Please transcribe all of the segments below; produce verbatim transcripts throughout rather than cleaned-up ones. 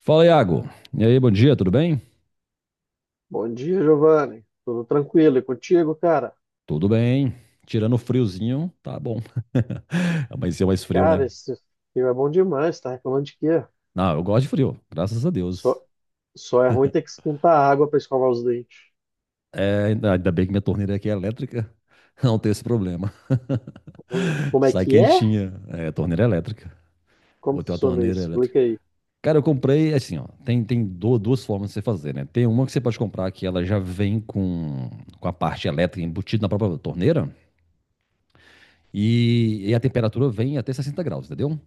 Fala, Iago. E aí, bom dia, tudo bem? Bom dia, Giovanni. Tudo tranquilo e contigo, cara? Tudo bem. Tirando o friozinho, tá bom. Amanheceu mais frio, né? Cara, esse filme é bom demais, tá reclamando de quê? Não, eu gosto de frio, graças a Só, Deus. só é ruim ter que esquentar a água para escovar os dentes. É, ainda ainda bem que minha torneira aqui é elétrica, não tem esse problema. Como é Sai que é? quentinha. É, torneira elétrica. Como Botei uma funciona torneira isso? elétrica. Explica aí. Cara, eu comprei, assim, ó, tem, tem du- duas formas de você fazer, né? Tem uma que você pode comprar que ela já vem com, com a parte elétrica embutida na própria torneira e, e a temperatura vem até sessenta graus, entendeu?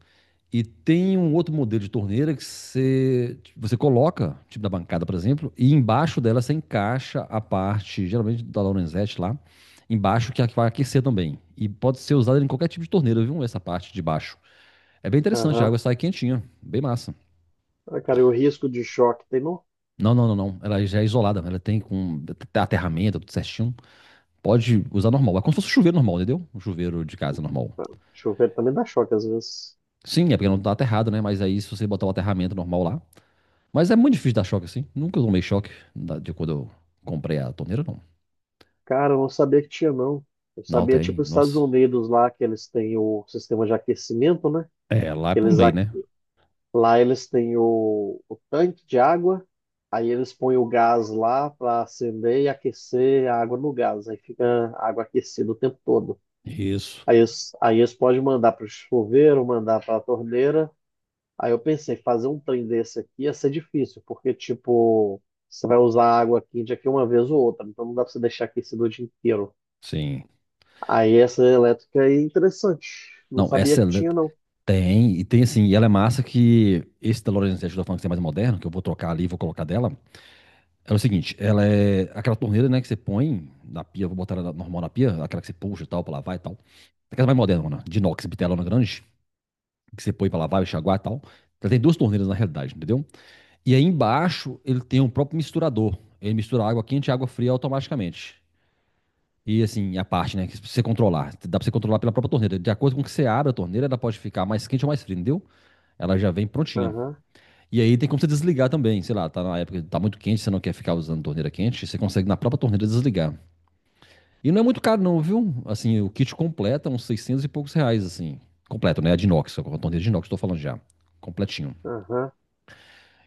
E tem um outro modelo de torneira que você, você coloca, tipo da bancada, por exemplo, e embaixo dela você encaixa a parte, geralmente da Lorenzetti lá, embaixo que é a que vai aquecer também. E pode ser usada em qualquer tipo de torneira, viu? Essa parte de baixo. É bem interessante, a Aham. água sai quentinha, bem massa. Ah, cara, e o risco de choque tem não? Não, não, não, não. Ela já é isolada, ela tem com aterramento, tudo certinho. Pode usar normal. É como se fosse um chuveiro normal, entendeu? Um chuveiro de casa normal. Ah, chover também dá choque às vezes. Sim, é porque não tá aterrado, né? Mas aí se você botar o aterramento normal lá, mas é muito difícil dar choque assim. Nunca tomei choque da- de quando eu comprei a torneira, não. Cara, eu não sabia que tinha, não. Eu Não sabia, tem, tipo, os Estados nossa. Unidos lá, que eles têm o sistema de aquecimento, né? É, lá é por Eles lei, né? Lá eles têm o, o tanque de água, aí eles põem o gás lá para acender e aquecer a água no gás, aí fica a água aquecida o tempo todo. Isso. Aí eles, aí eles podem mandar para o chuveiro, mandar para a torneira. Aí eu pensei, fazer um trem desse aqui ia ser difícil, porque, tipo, você vai usar a água quente aqui uma vez ou outra, então não dá para você deixar aquecido o dia inteiro. Sim. Aí essa elétrica aí é interessante, não Não, sabia essa que é- tinha, não. tem, e tem assim, e ela é massa que esse da Lorenz ajuda falando que é mais moderno, que eu vou trocar ali, e vou colocar dela. É o seguinte, ela é aquela torneira, né, que você põe na pia, vou botar ela na- normal na pia, aquela que você puxa e tal, pra lavar e tal. Aquela mais moderna, mano, de inox, bitelona grande, que você põe pra lavar, enxaguar e tal. Ela tem duas torneiras na realidade, entendeu? E aí embaixo ele tem um próprio misturador. Ele mistura água quente e água fria automaticamente. E assim, a parte, né, que você controlar. Dá pra você controlar pela própria torneira. De acordo com que você abre a torneira, ela pode ficar mais quente ou mais fria, entendeu? Ela já vem prontinha. Aham, E aí tem como você desligar também, sei lá, tá na época, tá muito quente, você não quer ficar usando torneira quente, você consegue na própria torneira desligar. E não é muito caro não, viu? Assim, o kit completo é uns seiscentos e poucos reais, assim. Completo, né? A de inox, a torneira de inox, tô falando já. Completinho. aham.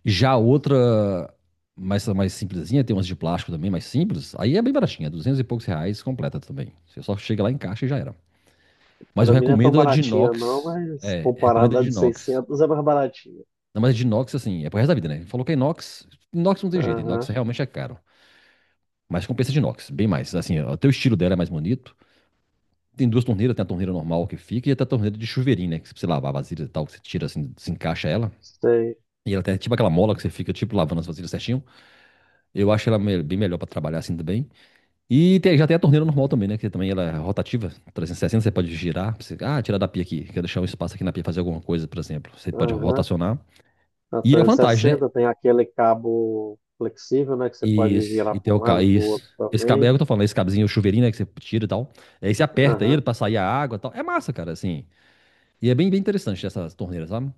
Já a outra, mais, mais simplesinha, tem umas de plástico também, mais simples. Aí é bem baratinha, duzentos e poucos reais completa também. Você só chega lá, encaixa e já era. Mas eu Pra mim não é tão recomendo a de baratinha não, inox. mas É, recomendo a comparada a de de inox. seiscentos é mais baratinha. Não, mas a de inox, assim, é pro resto da vida, né? Falou que é inox, inox não tem jeito, Aham, inox realmente é caro. Mas compensa de inox, bem mais. Assim, até o estilo dela é mais bonito. Tem duas torneiras, tem a torneira normal que fica e até a torneira de chuveirinho, né? Que se você lavar vasilhas e tal, que você tira assim, desencaixa ela. sei. E ela tem tipo aquela mola que você fica, tipo, lavando as vasilhas certinho. Eu acho ela me- bem melhor pra trabalhar assim também. E tem- já tem a torneira normal também, né? Que também ela é rotativa, trezentos e sessenta você pode girar. Você, ah, tirar da pia aqui, quer deixar um espaço aqui na pia fazer alguma coisa, por exemplo. Você pode Aham. rotacionar. A E a vantagem, né? trezentos e sessenta tem aquele cabo flexível, né, que você E, pode girar e para tem um o ca- lado, para o isso esse, outro esse cabo, é também. o que eu tô falando, esse cabezinho, o chuveirinho, né? Que você tira e tal. Aí você aperta ele Aham. pra sair a água e tal. É massa, cara, assim. E é bem, bem interessante essa torneira, sabe?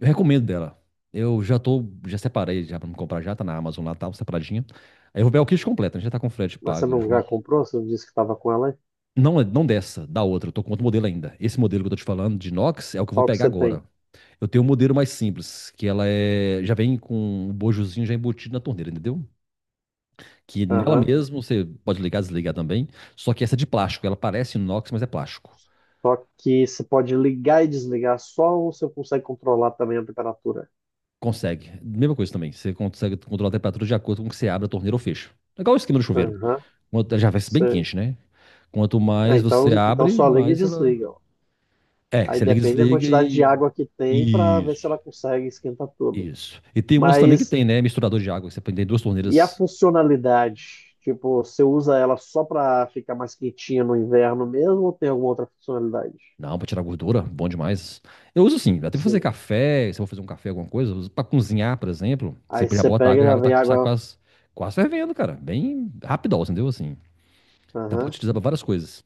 Eu recomendo dela. Eu já tô, já separei já pra me comprar, já tá na Amazon lá, tá separadinha. Aí eu vou ver o kit completo, né? Já tá com o frete Mas você pago não já junto. comprou? Você não disse que estava com ela, hein? Não, é, não dessa, da outra. Eu tô com outro modelo ainda. Esse modelo que eu tô te falando, de inox, é o que eu vou Qual que pegar você tem? agora. Eu tenho um modelo mais simples, que ela é, já vem com o bojozinho já embutido na torneira, entendeu? Que nela Aham. mesmo você pode ligar, desligar também. Só que essa é de plástico, ela parece inox, mas é plástico. Só que você pode ligar e desligar só ou você consegue controlar também a temperatura? Consegue. Mesma coisa também. Você consegue controlar a temperatura de acordo com o que você abre a torneira ou fecha. É igual o esquema do chuveiro. Aham. Quanto- ela já vai ser bem Você... quente, né? Quanto É, mais então, você então abre, só liga e mais ela. desliga. É, Aí você liga, e depende da desliga quantidade de e. água que tem para ver se ela Isso. consegue esquentar tudo. Isso. E tem umas também que Mas tem, né? Misturador de água. Que você põe- tem duas e a torneiras funcionalidade? Tipo, você usa ela só para ficar mais quentinha no inverno mesmo ou tem alguma outra funcionalidade? na água pra tirar gordura. Bom demais. Eu uso sim. Até pra fazer Sim. café. Se eu vou fazer um café, alguma coisa. Eu uso pra cozinhar, por exemplo. Você Aí já você bota pega e água e a já água vem tá, sai água. quase, quase fervendo, cara. Bem rapidão, entendeu? Assim. Dá pra Aham. utilizar pra várias coisas.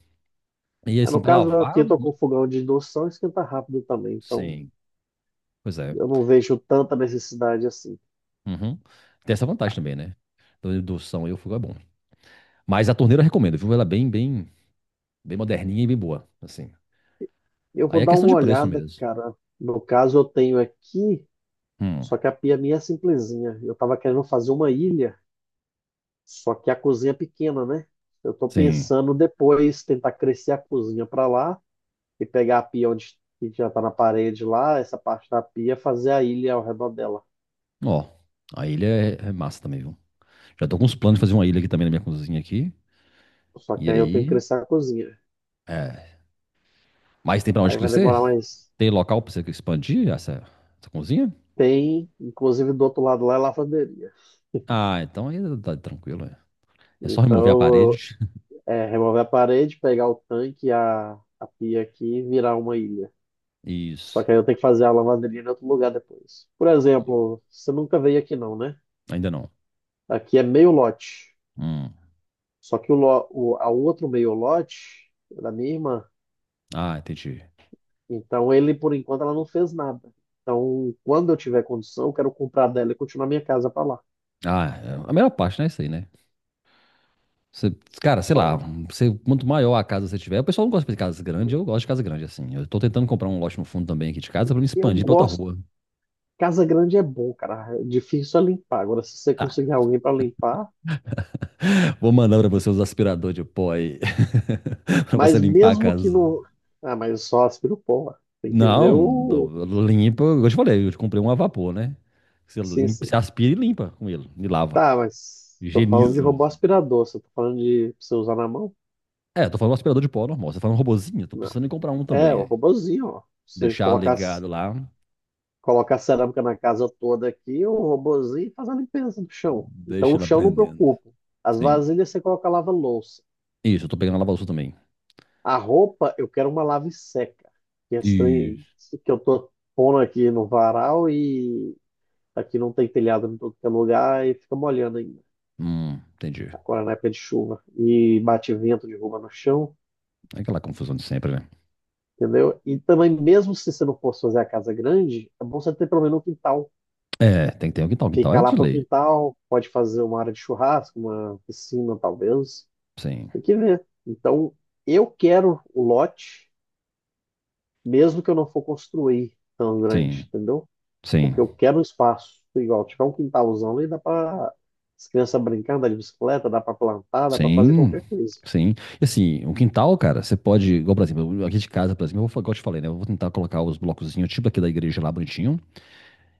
E É, assim, no pra caso, aqui lavar, eu tô com muito- fogão de indução, esquenta rápido também. Então sim. Pois é. eu não vejo tanta necessidade assim. Uhum. Tem essa vantagem também, né? Do indução e o fogo é bom. Mas a torneira eu recomendo, viu? Ela é bem, bem, bem moderninha e bem boa. Assim. Eu vou Aí é dar questão uma de preço olhada, mesmo. cara. No caso, eu tenho aqui, Hum. só que a pia minha é simplesinha. Eu tava querendo fazer uma ilha. Só que a cozinha é pequena, né? Eu tô Sim. pensando depois tentar crescer a cozinha para lá e pegar a pia onde que já tá na parede lá, essa parte da pia, fazer a ilha ao redor dela. Ó, a ilha é, é massa também, viu? Já tô com uns planos de fazer uma ilha aqui também na minha cozinha aqui. Só que E aí eu tenho que aí, crescer a cozinha. é, mas tem pra onde Aí vai crescer? demorar mais. Tem local pra você expandir essa, essa cozinha? Tem, inclusive do outro lado lá é lavanderia. Ah, então aí tá tá tranquilo. É, é só remover a Então, parede. é remover a parede, pegar o tanque, e a, a pia aqui e virar uma ilha. Só Isso. que aí eu tenho que fazer a lavanderia em outro lugar depois. Por exemplo, você nunca veio aqui não, né? Ainda não. Aqui é meio lote. Hum. Só que o, lo- o, a outro meio lote é da minha irmã. Ah, entendi. Então ele, por enquanto, ela não fez nada. Então, quando eu tiver condição, eu quero comprar dela e continuar minha casa para lá. Ah, é a melhor parte, né? Isso aí, né? Você- Cara, sei Só. lá, você, quanto maior a casa você tiver, o pessoal não gosta de casa grande, eu gosto de casa grande, assim. Eu tô tentando comprar um lote no fundo também aqui de casa pra me Eu expandir pra outra gosto. rua. Casa grande é bom, cara. É difícil é limpar. Agora, se você conseguir Ah, alguém para limpar, vou mandar pra você os aspiradores de pó aí. Pra você mas limpar a mesmo que casa. não. Ah, mas eu só aspiro pó. Ué. Tem que ver Não, o. não, limpa. Eu te falei, eu te comprei um a vapor, né? Você Sim, limpa, sim. você aspira e limpa com ele. E lava. Tá, mas tô falando de Higieniza. robô aspirador. Você tá falando de pra você usar na mão? É, eu tô falando um aspirador de pó normal. Você tá falando um robozinho? Tô Não. precisando em comprar um É, também. o Aí. robozinho, ó. Você Deixar colocar ligado lá. Coloca a cerâmica na casa toda aqui, o robozinho faz a limpeza do chão. Então Deixa o ele chão não aprendendo. preocupa. As Sim. vasilhas você coloca lava-louça. Isso, eu tô pegando a lava-louça também. A roupa, eu quero uma lave seca. Que é estranho, Isso. isso que eu tô pondo aqui no varal e aqui não tem telhado em todo que é lugar e fica molhando ainda. Hum, entendi. Agora na época de chuva. E bate vento, derruba no chão, É aquela confusão de sempre, né? entendeu? E também, mesmo se você não fosse fazer a casa grande, é bom você ter pelo menos um quintal. É, tem que ter um quintal. Quintal Fica é lá de pro lei. quintal, pode fazer uma área de churrasco, uma piscina, talvez. Sim, Tem que ver. Então, eu quero o lote, mesmo que eu não for construir tão sim, grande, entendeu? Porque sim. eu quero um espaço igual. Tiver um quintalzão ali, dá para as crianças brincar, andar de bicicleta, dá para plantar, dá para fazer Sim, qualquer coisa. sim. E assim, o quintal, cara, você pode, igual, por exemplo, aqui de casa, por exemplo, eu vou, igual eu te falei, né? Eu vou tentar colocar os blocozinhos, tipo aqui da igreja lá bonitinho.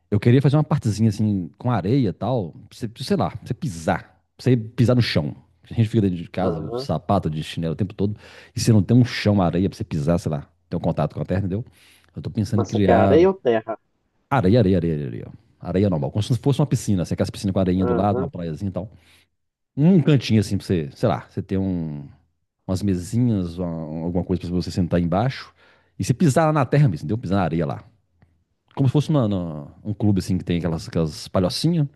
Eu queria fazer uma partezinha assim, com areia e tal, pra você, sei lá, pra você pisar, pra você pisar no chão. A gente fica dentro de casa, com Aham. sapato, de chinelo o tempo todo, e você não tem um chão, uma areia pra você pisar, sei lá, ter um contato com a terra, entendeu? Eu tô pensando em Mas isso aqui é criar areia ou terra? areia, areia, areia, areia. Areia normal, como se fosse uma piscina, assim, aquelas piscinas com areinha do lado, uma Aham. praiazinha e tal. Um cantinho assim pra você, sei lá, você ter um, umas mesinhas, uma- alguma coisa pra você sentar embaixo. E você pisar lá na terra mesmo, entendeu? Pisar na areia lá. Como se fosse uma- uma- um clube assim que tem aquelas, aquelas palhocinhas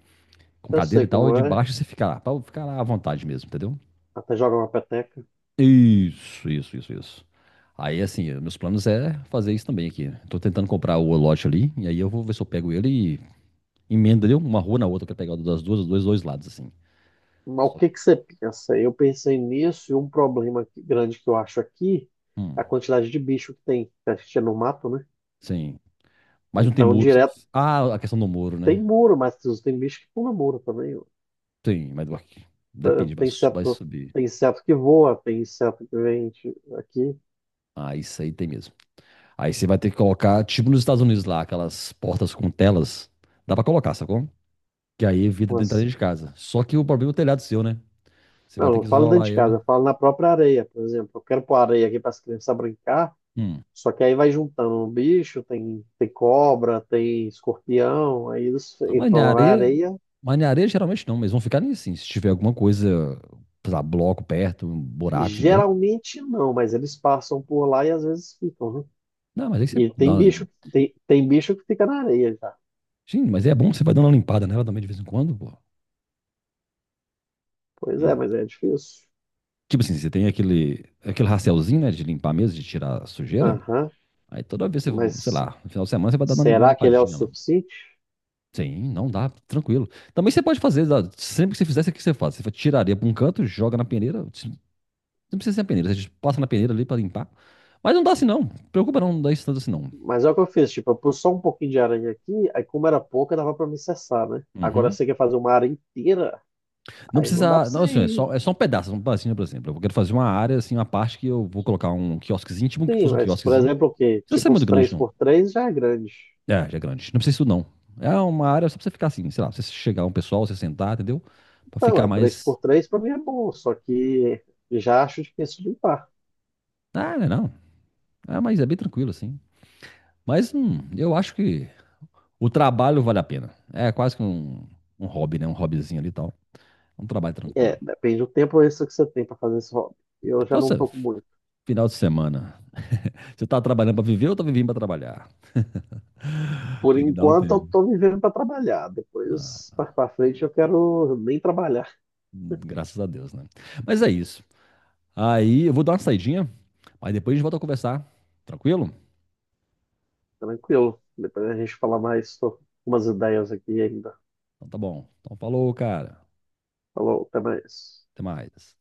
com Eu cadeira sei e tal, e como é. debaixo você fica lá, pra ficar lá à vontade mesmo, entendeu? Até joga uma peteca. Isso, isso, isso, isso. Aí, assim, meus planos é fazer isso também aqui. Tô tentando comprar o lote ali, e aí eu vou ver se eu pego ele e emenda ali uma rua na outra, que eu quero pegar das duas, dos dois lados, assim. Mas o Só- que que você pensa? Eu pensei nisso e um problema que- grande que eu acho aqui é Hum, a quantidade de bicho que tem. Que a gente é no mato, né? sim. Mas não tem Então, muro. Você não- direto Ah, a questão do muro, tem né? muro, mas tem bicho que pula muro também. Tem, mas vai- depende, vai, Tem su- vai inseto, subir. tem inseto que voa, tem inseto que vem de- aqui. Ah, isso aí tem mesmo. Aí você vai ter que colocar, tipo nos Estados Unidos lá, aquelas portas com telas. Dá pra colocar, sacou? Que aí evita de entrar Mas dentro de casa. Só que o problema é o telhado seu, né? Você vai não, ter não que falo dentro isolar de casa, ele. eu falo na própria areia, por exemplo. Eu quero pôr areia aqui para as crianças brincar, Hum. só que aí vai juntando um bicho, tem, tem, cobra, tem escorpião, aí eles Ah, mas entram na lá na areia, areia. mas na areia geralmente não, mas vão ficar nisso, assim. Se tiver alguma coisa, sei lá, bloco perto, um buraco, entendeu? Geralmente não, mas eles passam por lá e às vezes ficam, né? Não, mas aí você E tem dá. bicho, tem, tem bicho que fica na areia já. Sim, mas é bom que você vai dando uma limpada nela também de vez em quando, pô. Pois é, Hum. mas é difícil. Tipo assim, você tem aquele, aquele rastelzinho, né, de limpar mesmo, de tirar a sujeira. Aham, Aí toda vez, você, sei mas lá, no final de semana você vai dar uma será que ele é o limpadinha lá. suficiente? Sim, não dá, tranquilo. Também você pode fazer, dá- sempre que você fizesse, o que você faz? Você tiraria para um canto, joga na peneira, você não precisa ser a peneira, você passa na peneira ali para limpar. Mas não dá assim não, preocupa não, não dá isso tanto assim não. Mas é o que eu fiz, tipo, eu pus só um pouquinho de aranha aqui, aí como era pouca, dava pra me cessar, né? Agora Uhum. você quer fazer uma área inteira, Não aí não dá pra precisa, você não, assim, é ir. só, é só um pedaço, um pedacinho, por exemplo. Eu quero fazer uma área, assim, uma parte que eu vou colocar um quiosquezinho, tipo que Sim, fosse um mas por quiosquezinho. Não exemplo, o quê? precisa ser Tipo, uns muito grande três não. por três já é grande. É, já é grande, não precisa isso não. É uma área só pra você ficar assim, sei lá, pra você chegar um pessoal, você sentar, entendeu? Pra Então, ficar é, mais... três por três pra mim é bom, só que já acho difícil de limpar. Ah, não, é não. Ah, mas é bem tranquilo, assim. Mas hum, eu acho que o trabalho vale a pena. É quase que um, um hobby, né? Um hobbyzinho ali e tal. É um trabalho É, tranquilo. depende do tempo extra que você tem para fazer esse hobby. Eu já não Nossa, tô com muito. final de semana. Você tá trabalhando pra viver ou tá vivendo pra trabalhar? Por Tem que dar um enquanto, eu tempo. tô vivendo para trabalhar. Depois, Ah, mais para frente, eu quero nem trabalhar. graças a Deus, né? Mas é isso. Aí eu vou dar uma saidinha, mas depois a gente volta a conversar. Tranquilo? Tranquilo. Depois a gente fala mais sobre umas ideias aqui ainda. Então tá bom. Então falou, cara. Falou, até mais. Até mais.